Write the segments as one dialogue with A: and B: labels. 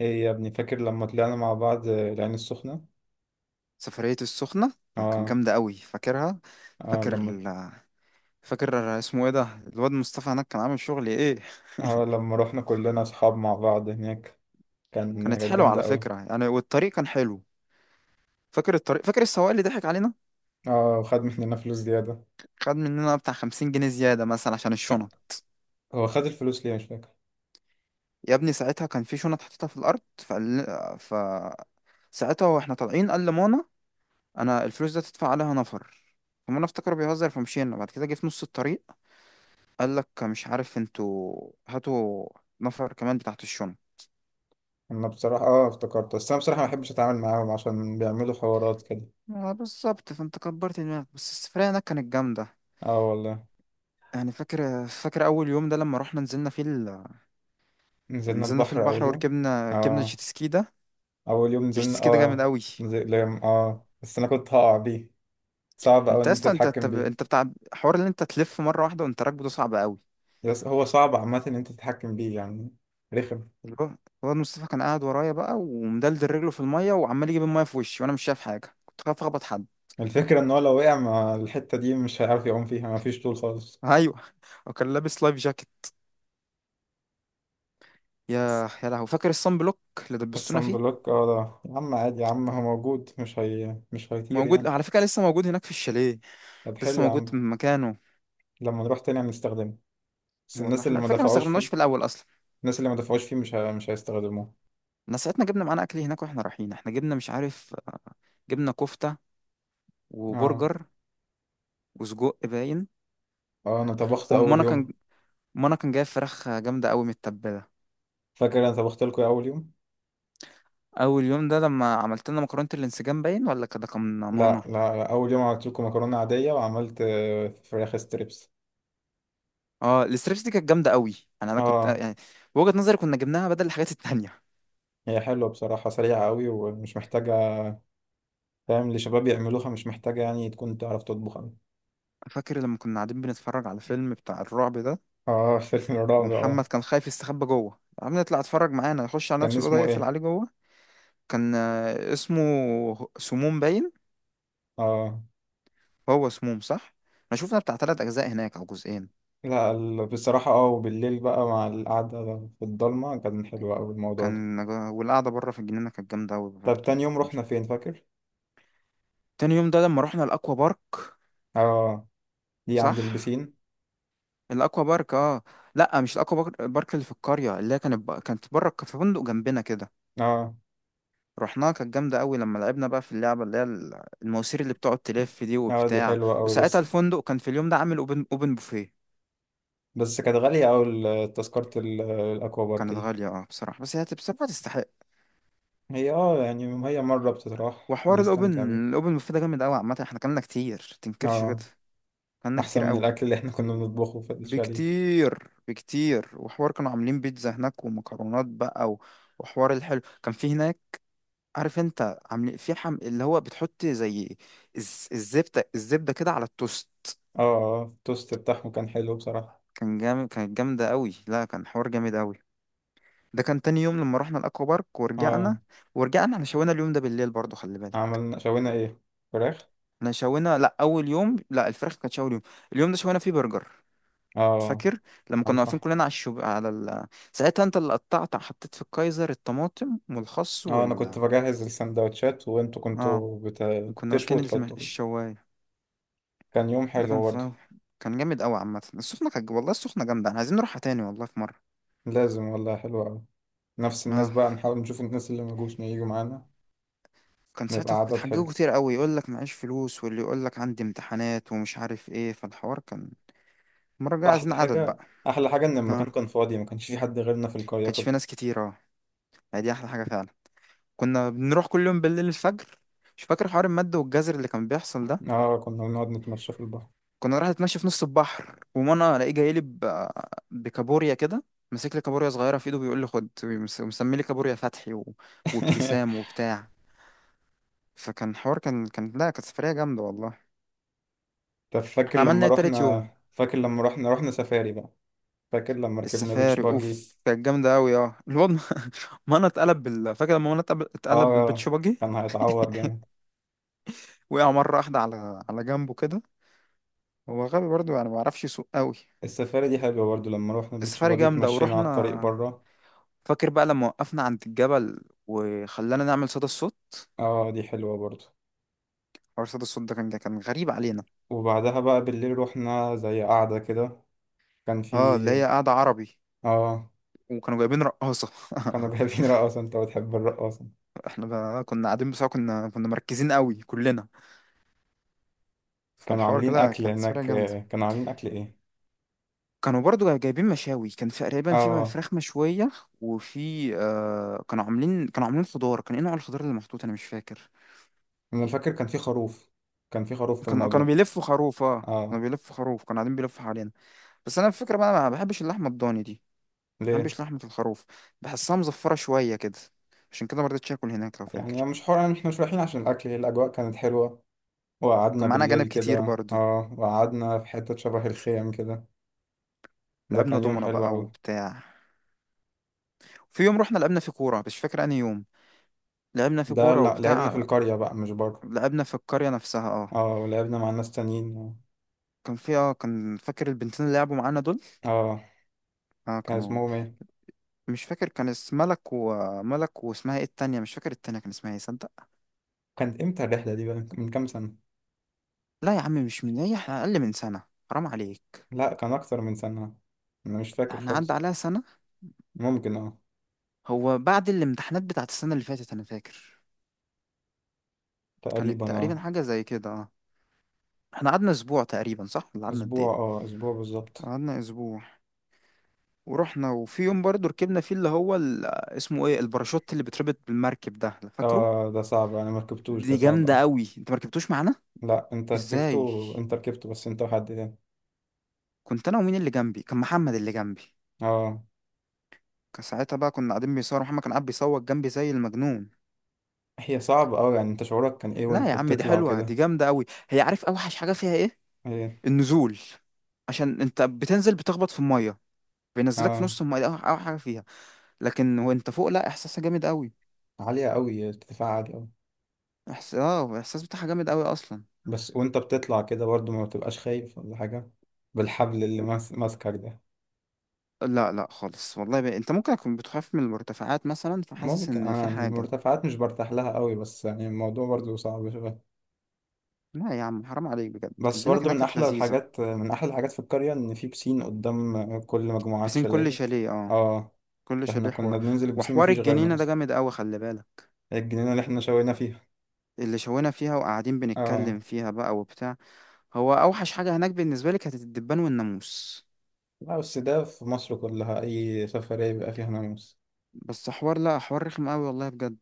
A: ايه يا ابني، فاكر لما طلعنا مع بعض العين السخنة؟
B: سفرية السخنة. آه، كان
A: اه.
B: جامدة قوي فاكرها.
A: اه
B: فاكر
A: لما
B: ال... فاكر اسمه ايه ده الواد مصطفى هناك، كان عامل شغل ايه؟
A: اه لما رحنا كلنا اصحاب مع بعض هناك. كان
B: كانت
A: كانت
B: حلوة
A: جامدة
B: على
A: قوي.
B: فكرة يعني، والطريق كان حلو. فاكر الطريق، فاكر السواق اللي ضحك علينا.
A: اه، وخد مننا فلوس زيادة.
B: خد مننا بتاع 50 جنيه زيادة مثلا عشان
A: كان-
B: الشنط.
A: هو خد الفلوس ليه، مش فاكر.
B: يا ابني ساعتها كان في شنط حطيتها في الأرض، فقال، ف ساعتها واحنا طالعين قال لمانا: انا الفلوس ده تدفع عليها نفر. فمانا افتكره بيهزر، فمشينا، بعد كده جه في نص الطريق قال لك: مش عارف انتوا، هاتوا نفر كمان بتاعت الشنط.
A: انا بصراحة افتكرت، بس انا بصراحة ما بحبش اتعامل معاهم عشان بيعملوا حوارات كده.
B: اه بالظبط، فانت كبرت دماغك، بس السفرية هناك كانت جامدة.
A: اه والله.
B: يعني فاكر أول يوم ده لما رحنا نزلنا فيه
A: نزلنا
B: نزلنا في
A: البحر
B: البحر،
A: اول يوم.
B: وركبنا
A: اه،
B: جيت سكي ده.
A: اول يوم
B: الجيت
A: نزلنا.
B: سكي ده جامد
A: اه
B: أوي.
A: نزل... اه، بس انا كنت هقع بيه. صعب اوي
B: انت
A: ان انت
B: اصلا انت انت,
A: تتحكم بيه.
B: انت بتاع حوار اللي انت تلف مرة واحدة وانت راكبه، ده صعب أوي.
A: هو صعب عامة ان انت تتحكم بيه، يعني. رخم.
B: اللي هو الواد مصطفى كان قاعد ورايا بقى، ومدلدل رجله في المية، وعمال يجيب المية في وشي وانا مش شايف حاجة، كنت خايف اخبط حد.
A: الفكرة ان هو لو وقع مع الحتة دي مش هيعرف يقوم فيها، مفيش طول خالص.
B: ايوه وكان لابس لايف جاكيت. يا لهوي، فاكر الصن بلوك اللي دبستونا
A: الصن
B: فيه؟
A: بلوك، اه، ده يا عم، عادي يا عم، هو موجود، مش هيطير
B: موجود
A: يعني.
B: على فكرة، لسه موجود هناك في الشاليه،
A: طب،
B: لسه
A: حلو يا
B: موجود
A: عم.
B: في مكانه.
A: لما نروح تاني هنستخدمه. بس
B: والله
A: الناس
B: احنا
A: اللي ما
B: الفكرة ما
A: دفعوش
B: استخدمناهوش
A: فيه،
B: في الأول أصلا.
A: الناس اللي ما دفعوش فيه مش هيستخدموه.
B: احنا ساعتنا جبنا معانا أكل هناك، واحنا رايحين احنا جبنا مش عارف، جبنا كفتة
A: اه،
B: وبرجر وسجق باين.
A: اه، انا طبخت اول
B: ومانا كان
A: يوم.
B: مانا كان جايب فراخ جامدة أوي متبلة.
A: فاكر انا طبخت لكم إيه اول يوم؟
B: أول يوم ده لما عملت لنا مكرونة الانسجام باين ولا كده كان
A: لا
B: مانا.
A: لا لا، اول يوم عملت لكم مكرونة عادية، وعملت فراخ ستريبس.
B: اه، الستريبس دي كانت جامدة أوي. يعني أنا كنت
A: اه،
B: يعني بوجهة نظري كنا جبناها بدل الحاجات التانية.
A: هي حلوة بصراحة، سريعة قوي ومش محتاجة. فاهم، لشباب يعملوها، مش محتاجة يعني تكون تعرف تطبخ أوي.
B: فاكر لما كنا قاعدين بنتفرج على فيلم بتاع الرعب ده،
A: اه. فيلم الرعب
B: ومحمد
A: اه.
B: كان خايف يستخبى جوه، عم نطلع اتفرج معانا يخش على
A: كان
B: نفس الأوضة
A: اسمه
B: يقفل
A: ايه؟
B: عليه جوه. كان اسمه سموم باين.
A: اه،
B: هو سموم صح. انا شفنا بتاع 3 اجزاء هناك او جزئين.
A: لا، بصراحة وبالليل بقى مع القعدة في الضلمة، كان حلو أوي الموضوع ده.
B: كان، والقعده بره في الجنينه كانت جامده قوي
A: طب،
B: برضه.
A: تاني يوم
B: مش-
A: رحنا فين، فاكر؟
B: تاني يوم ده لما رحنا الاكوا بارك.
A: اه، دي
B: صح،
A: عند البسين.
B: الاكوا بارك اه. لا مش الاكوا بارك، بارك اللي في القريه اللي هي كانت بره في فندق جنبنا كده.
A: اه،
B: رحناها كانت جامده قوي لما لعبنا بقى في اللعبه اللي هي المواسير اللي بتقعد تلف دي
A: اه، دي
B: وبتاع.
A: حلوة أوي.
B: وساعتها
A: بس
B: الفندق كان في اليوم ده عامل اوبن بوفيه.
A: بس كانت غالية أوي، تذكرة الأكوا بارك
B: كانت
A: دي.
B: غاليه اه بصراحه، بس هي بصراحه تستحق.
A: هي اه يعني هي مرة بتتراح
B: وحوار الاوبن
A: بنستمتع بيها.
B: الاوبن بوفيه ده جامد قوي، عامه احنا كلنا كتير تنكرش كده،
A: اه،
B: كلنا كتير
A: أحسن من
B: قوي.
A: الأكل اللي احنا كنا بنطبخه في الشاليه.
B: بكتير بكتير. وحوار كانوا عاملين بيتزا هناك ومكرونات بقى و... وحوار الحلو كان في هناك. عارف انت عاملين في اللي هو بتحط زي الزبده كده على التوست.
A: اه، اه، التوست بتاعهم كان حلو بصراحة.
B: كان جامد، كانت جامده قوي، لا كان حوار جامد قوي. ده كان تاني يوم لما رحنا الاكوا بارك
A: اه،
B: ورجعنا. ورجعنا احنا شوينا اليوم ده بالليل برضو، خلي بالك.
A: عملنا شوينا ايه؟ فراخ.
B: احنا شوينا، لا اول يوم لا، الفراخ كانت شوي اليوم ده شوينا فيه برجر.
A: اه،
B: فاكر لما
A: على
B: كنا واقفين
A: الفحم.
B: كلنا على الشوب على ساعتها انت اللي قطعت حطيت في الكايزر الطماطم والخس
A: اه، انا كنت
B: وال...
A: بجهز السندوتشات وانتوا
B: اه.
A: كنتوا
B: وكنا
A: بتشووا
B: ماسكين
A: وتحطوا فيه.
B: الشوايه.
A: كان يوم
B: ده كان
A: حلو برضه.
B: في... كان جامد قوي عامه. السخنه كانت، والله السخنه جامده، احنا عايزين نروحها تاني والله في مره.
A: لازم والله، حلو قوي. نفس الناس
B: اه،
A: بقى، نحاول نشوف الناس اللي مجوش ييجوا معانا.
B: كان
A: نبقى
B: ساعتها
A: عدد حلو.
B: بتحججوا كتير قوي، يقول لك معيش فلوس، واللي يقول لك عندي امتحانات ومش عارف ايه، فالحوار كان. المره الجايه عايزين
A: احلى
B: عدد بقى.
A: حاجة. احلى حاجة ان
B: اه،
A: المكان كان فاضي، ما كانش في حد غيرنا في القرية
B: كانش في
A: كلها.
B: ناس كتير اه، يعني دي احلى حاجه فعلا. كنا بنروح كل يوم بالليل الفجر. مش فاكر حوار المادة والجزر اللي كان بيحصل ده؟
A: اه، كنا بنقعد نتمشى في البحر.
B: كنا رايح اتمشى في نص البحر، ومانا الاقيه جاي لي بكابوريا كده، ماسك لي كابوريا صغيره في ايده بيقول لي خد، ومسمي لي كابوريا فتحي و... وابتسام وبتاع. فكان حوار، كان كان لا كانت سفريه جامده والله.
A: طب،
B: احنا عملنا ايه تالت يوم؟
A: فاكر لما رحنا سفاري بقى. فاكر لما ركبنا بيتش
B: السفاري
A: باجي؟
B: اوف كانت جامده قوي. اه الواد مانا اتقلب فاكر لما مانا اتقلب بالبيت
A: اه.
B: شباجي؟
A: كان هيتعور جامد.
B: وقع مره واحده على جنبه كده. هو غبي برضه يعني، ما بيعرفش يسوق قوي.
A: السفاري دي حلوة برضه، لما رحنا البيتش
B: السفاري
A: باجي
B: جامده
A: اتمشينا على
B: ورحنا.
A: الطريق بره.
B: فاكر بقى لما وقفنا عند الجبل وخلانا نعمل صدى الصوت؟
A: اه، دي حلوة برضو.
B: حوار صدى الصوت ده كان غريب علينا.
A: وبعدها بقى بالليل روحنا زي قعدة كده. كان
B: اه،
A: في
B: اللي هي قاعدة عربي.
A: اه
B: وكانوا جايبين رقاصة
A: كانوا جايبين رقاصة. انت بتحب الرقاصة.
B: احنا بقى كنا قاعدين، بس كنا مركزين قوي كلنا.
A: كانوا
B: فالحوار
A: عاملين
B: كده
A: أكل
B: كانت سفرية
A: هناك،
B: جامدة.
A: كانوا عاملين أكل ايه؟
B: كانوا برضو جايبين مشاوي، كان في تقريبا في
A: اه،
B: فراخ مشوية، وفي كانوا عاملين، كانوا عاملين خضار. كان ايه نوع الخضار اللي محطوط، انا مش فاكر.
A: أنا فاكر كان في خروف، كان في خروف في
B: كان، كانوا
A: الموضوع.
B: بيلفوا خروف اه،
A: اه.
B: كانوا بيلفوا خروف، كانوا قاعدين بيلفوا حوالينا. بس انا الفكرة بقى ما بحبش اللحمة الضاني دي، ما
A: ليه؟
B: بحبش لحمة الخروف، بحسها مزفرة شوية كده، عشان كده ما رضيتش اكل هناك لو
A: يعني
B: فاكر.
A: مش حوار، يعني احنا مش رايحين عشان الأكل، هي الأجواء كانت حلوة. وقعدنا
B: كان معانا
A: بالليل
B: أجانب كتير
A: كده،
B: برضو.
A: وقعدنا في حتة شبه الخيم كده. ده
B: لعبنا
A: كان يوم
B: دومنا
A: حلو
B: بقى
A: أوي.
B: وبتاع. في يوم رحنا لعبنا في كورة، مش فاكر أنهي يوم. لعبنا في
A: ده
B: كورة
A: لعبنا في
B: وبتاع.
A: القرية بقى، مش بره.
B: لعبنا في القرية نفسها اه.
A: اه، ولعبنا مع ناس تانيين.
B: كان في اه، فاكر البنتين اللي لعبوا معانا دول؟
A: اه.
B: اه
A: كان
B: كانوا...
A: اسمهم ايه؟
B: مش فاكر، كان اسم ملك، وملك واسمها ايه التانية مش فاكر، التانية كان اسمها ايه صدق.
A: كانت امتى الرحله دي بقى، من كام سنه؟
B: لا يا عم مش من ايه، احنا أقل من سنة، حرام عليك.
A: لا، كان اكتر من سنه. انا مش فاكر
B: احنا عدى
A: خالص.
B: عليها سنة،
A: ممكن اه.
B: هو بعد الامتحانات بتاعت السنة اللي فاتت أنا فاكر. كانت
A: تقريبا
B: تقريبا
A: اه.
B: حاجة زي كده اه. احنا قعدنا أسبوع تقريبا صح ولا قعدنا قد
A: اسبوع
B: ايه؟
A: اه اسبوع بالظبط.
B: قعدنا أسبوع ورحنا. وفي يوم برضه ركبنا فيه اللي هو اسمه ايه الباراشوت اللي بيتربط بالمركب ده، فاكره؟
A: اه، ده صعب، انا ما ركبتوش، ده
B: دي
A: صعب
B: جامده
A: اوي.
B: قوي، انت ما ركبتوش معانا.
A: لا، انت
B: ازاي؟
A: ركبته، انت ركبته، بس انت وحد تاني.
B: كنت انا ومين اللي جنبي؟ كان محمد اللي جنبي.
A: اه،
B: كان ساعتها بقى كنا قاعدين بيصور، محمد كان قاعد بيصوت جنبي زي المجنون.
A: هي صعبة اوي، يعني انت شعورك كان ايه
B: لا
A: وانت
B: يا عم دي
A: بتطلع
B: حلوه، دي
A: كده؟
B: جامده قوي. هي عارف اوحش حاجه فيها ايه؟
A: ايه.
B: النزول، عشان انت بتنزل بتخبط في الميه، بينزلك في
A: اه،
B: نص الميه دي، اوحش أوحش حاجه فيها. لكن وانت فوق لا، احساسها جامد قوي.
A: عالية اوي، ارتفاع عالي اوي.
B: احس الاحساس بتاعها جامد قوي اصلا.
A: بس وانت بتطلع كده برضو ما بتبقاش خايف ولا حاجة؟ بالحبل اللي ماسكك ده.
B: لا لا خالص والله. انت ممكن اكون بتخاف من المرتفعات مثلا، فحاسس
A: ممكن،
B: ان
A: انا
B: في
A: يعني
B: حاجه.
A: المرتفعات مش برتاح لها قوي، بس يعني الموضوع برضو صعب شويه.
B: لا يا عم حرام عليك بجد،
A: بس
B: الليله
A: برضو
B: هناك
A: من
B: كانت
A: احلى
B: لذيذه.
A: الحاجات من احلى الحاجات في القريه ان في بسين قدام كل مجموعات
B: بسين، كل
A: شاليهات.
B: شاليه اه،
A: اه،
B: كل
A: فاحنا
B: شاليه
A: كنا
B: حوار.
A: بننزل البسين
B: وحوار
A: مفيش غيرنا
B: الجنينه ده
A: اصلا.
B: جامد قوي، خلي بالك.
A: الجنينه اللي احنا شوينا فيها.
B: اللي شوينا فيها وقاعدين بنتكلم
A: اه،
B: فيها بقى وبتاع. هو اوحش حاجه هناك بالنسبه لي كانت الدبان والناموس.
A: لا، بس ده في مصر كلها، اي سفريه بيبقى فيها ناموس.
B: بس حوار، لا حوار رخم قوي والله بجد.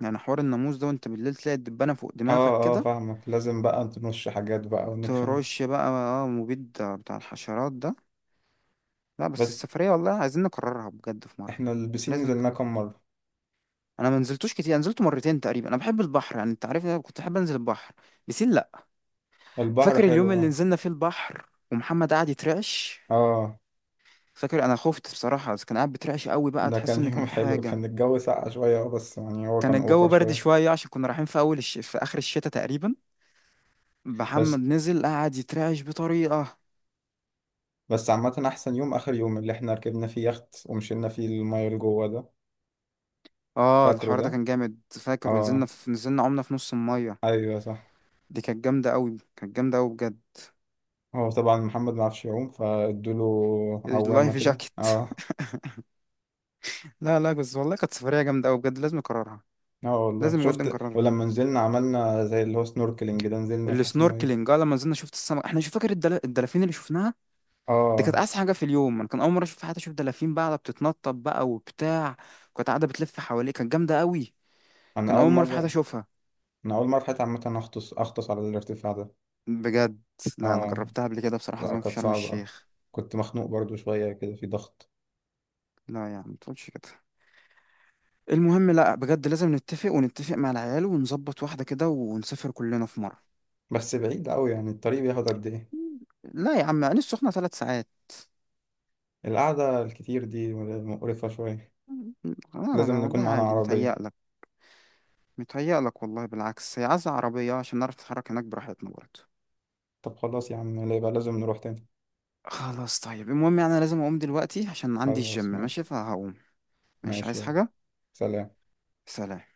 B: يعني حوار الناموس ده وانت بالليل تلاقي الدبانه فوق دماغك
A: اه، اه،
B: كده.
A: فاهمك، لازم بقى نرش حاجات بقى ونتخانق.
B: ترش بقى اه مبيد بتاع الحشرات ده. لا بس
A: بس
B: السفرية والله عايزين نكررها بجد في مرة.
A: احنا البسين
B: لازم
A: نزلناه
B: نكررها.
A: كام مره؟
B: انا ما نزلتوش كتير، انا نزلت مرتين تقريبا، انا بحب البحر، يعني انت عارف إن انا كنت احب انزل البحر. بسين لا.
A: البحر
B: فاكر اليوم
A: حلو
B: اللي
A: اه.
B: نزلنا فيه البحر ومحمد قعد يترعش؟
A: اه،
B: فاكر انا خفت بصراحة، بس كان قاعد بيترعش قوي بقى،
A: ده
B: تحس
A: كان
B: ان كان
A: يوم
B: في
A: حلو،
B: حاجة.
A: كان الجو ساقع شوية، بس يعني هو
B: كان
A: كان اوفر
B: الجو برد
A: شوية.
B: شوية عشان كنا رايحين في اول في اخر الشتاء تقريبا.
A: بس
B: محمد نزل قعد يترعش بطريقة.
A: بس عامة أحسن يوم آخر يوم، اللي احنا ركبنا فيه يخت ومشينا فيه المية لجوه ده.
B: اه
A: فاكره
B: الحوار ده
A: ده؟
B: كان جامد. فاكر ونزلنا
A: اه.
B: في... نزلنا عمنا في نص المية.
A: أيوه صح.
B: دي كانت جامدة قوي، كانت جامدة قوي بجد.
A: هو طبعا محمد معرفش يعوم، فادوله عوامة
B: اللايف
A: كده،
B: جاكيت.
A: اه.
B: لا لا، بس والله كانت سفرية جامدة أوي بجد، لازم نكررها.
A: اه والله،
B: لازم بجد
A: شفت،
B: نكررها.
A: ولما نزلنا عملنا زي اللي هو سنوركلينج ده، نزلنا تحت المية.
B: السنوركلينج اه، لما نزلنا شفت السمك. احنا شوف، فاكر الدلافين اللي شفناها؟ دي كانت
A: اه،
B: أحسن حاجة في اليوم. أنا كان أول مرة أشوف في حياتي، أشوف دلافين بقى قاعدة بتتنطط بقى وبتاع، كانت قاعدة بتلف حواليه، كانت جامدة أوي.
A: أنا
B: كان
A: أول
B: أول مرة في حياتي
A: مرة.
B: أشوفها
A: أنا أول مرة في حياتي عامة أغطس على الارتفاع ده.
B: بجد. لا أنا
A: اه،
B: جربتها قبل كده بصراحة
A: لا،
B: زمان في
A: كانت
B: شرم
A: صعبة.
B: الشيخ.
A: كنت مخنوق برضو شوية كده، في ضغط.
B: لا يا عم ما تقولش كده. المهم لا بجد، لازم نتفق مع العيال ونظبط واحدة كده ونسافر كلنا في مرة.
A: بس بعيد أوي يعني، الطريق بياخد قد إيه؟
B: لا يا عم، عين السخنة 3 ساعات.
A: القعدة الكتير دي مقرفة شوية.
B: لا لا
A: لازم
B: لا،
A: نكون
B: والله
A: معانا
B: عادي
A: عربية.
B: متهيألك. متهيألك والله، بالعكس هي عايزة عربية عشان نعرف نتحرك هناك براحتنا برضه.
A: طب، خلاص يا عم، لا يبقى لازم نروح تاني.
B: خلاص طيب، المهم يعني أنا لازم أقوم دلوقتي عشان عندي الجيم
A: خلاص
B: ماشي
A: ماشي.
B: فهقوم. ماشي،
A: ماشي
B: عايز
A: يلا.
B: حاجة؟
A: سلام.
B: سلام.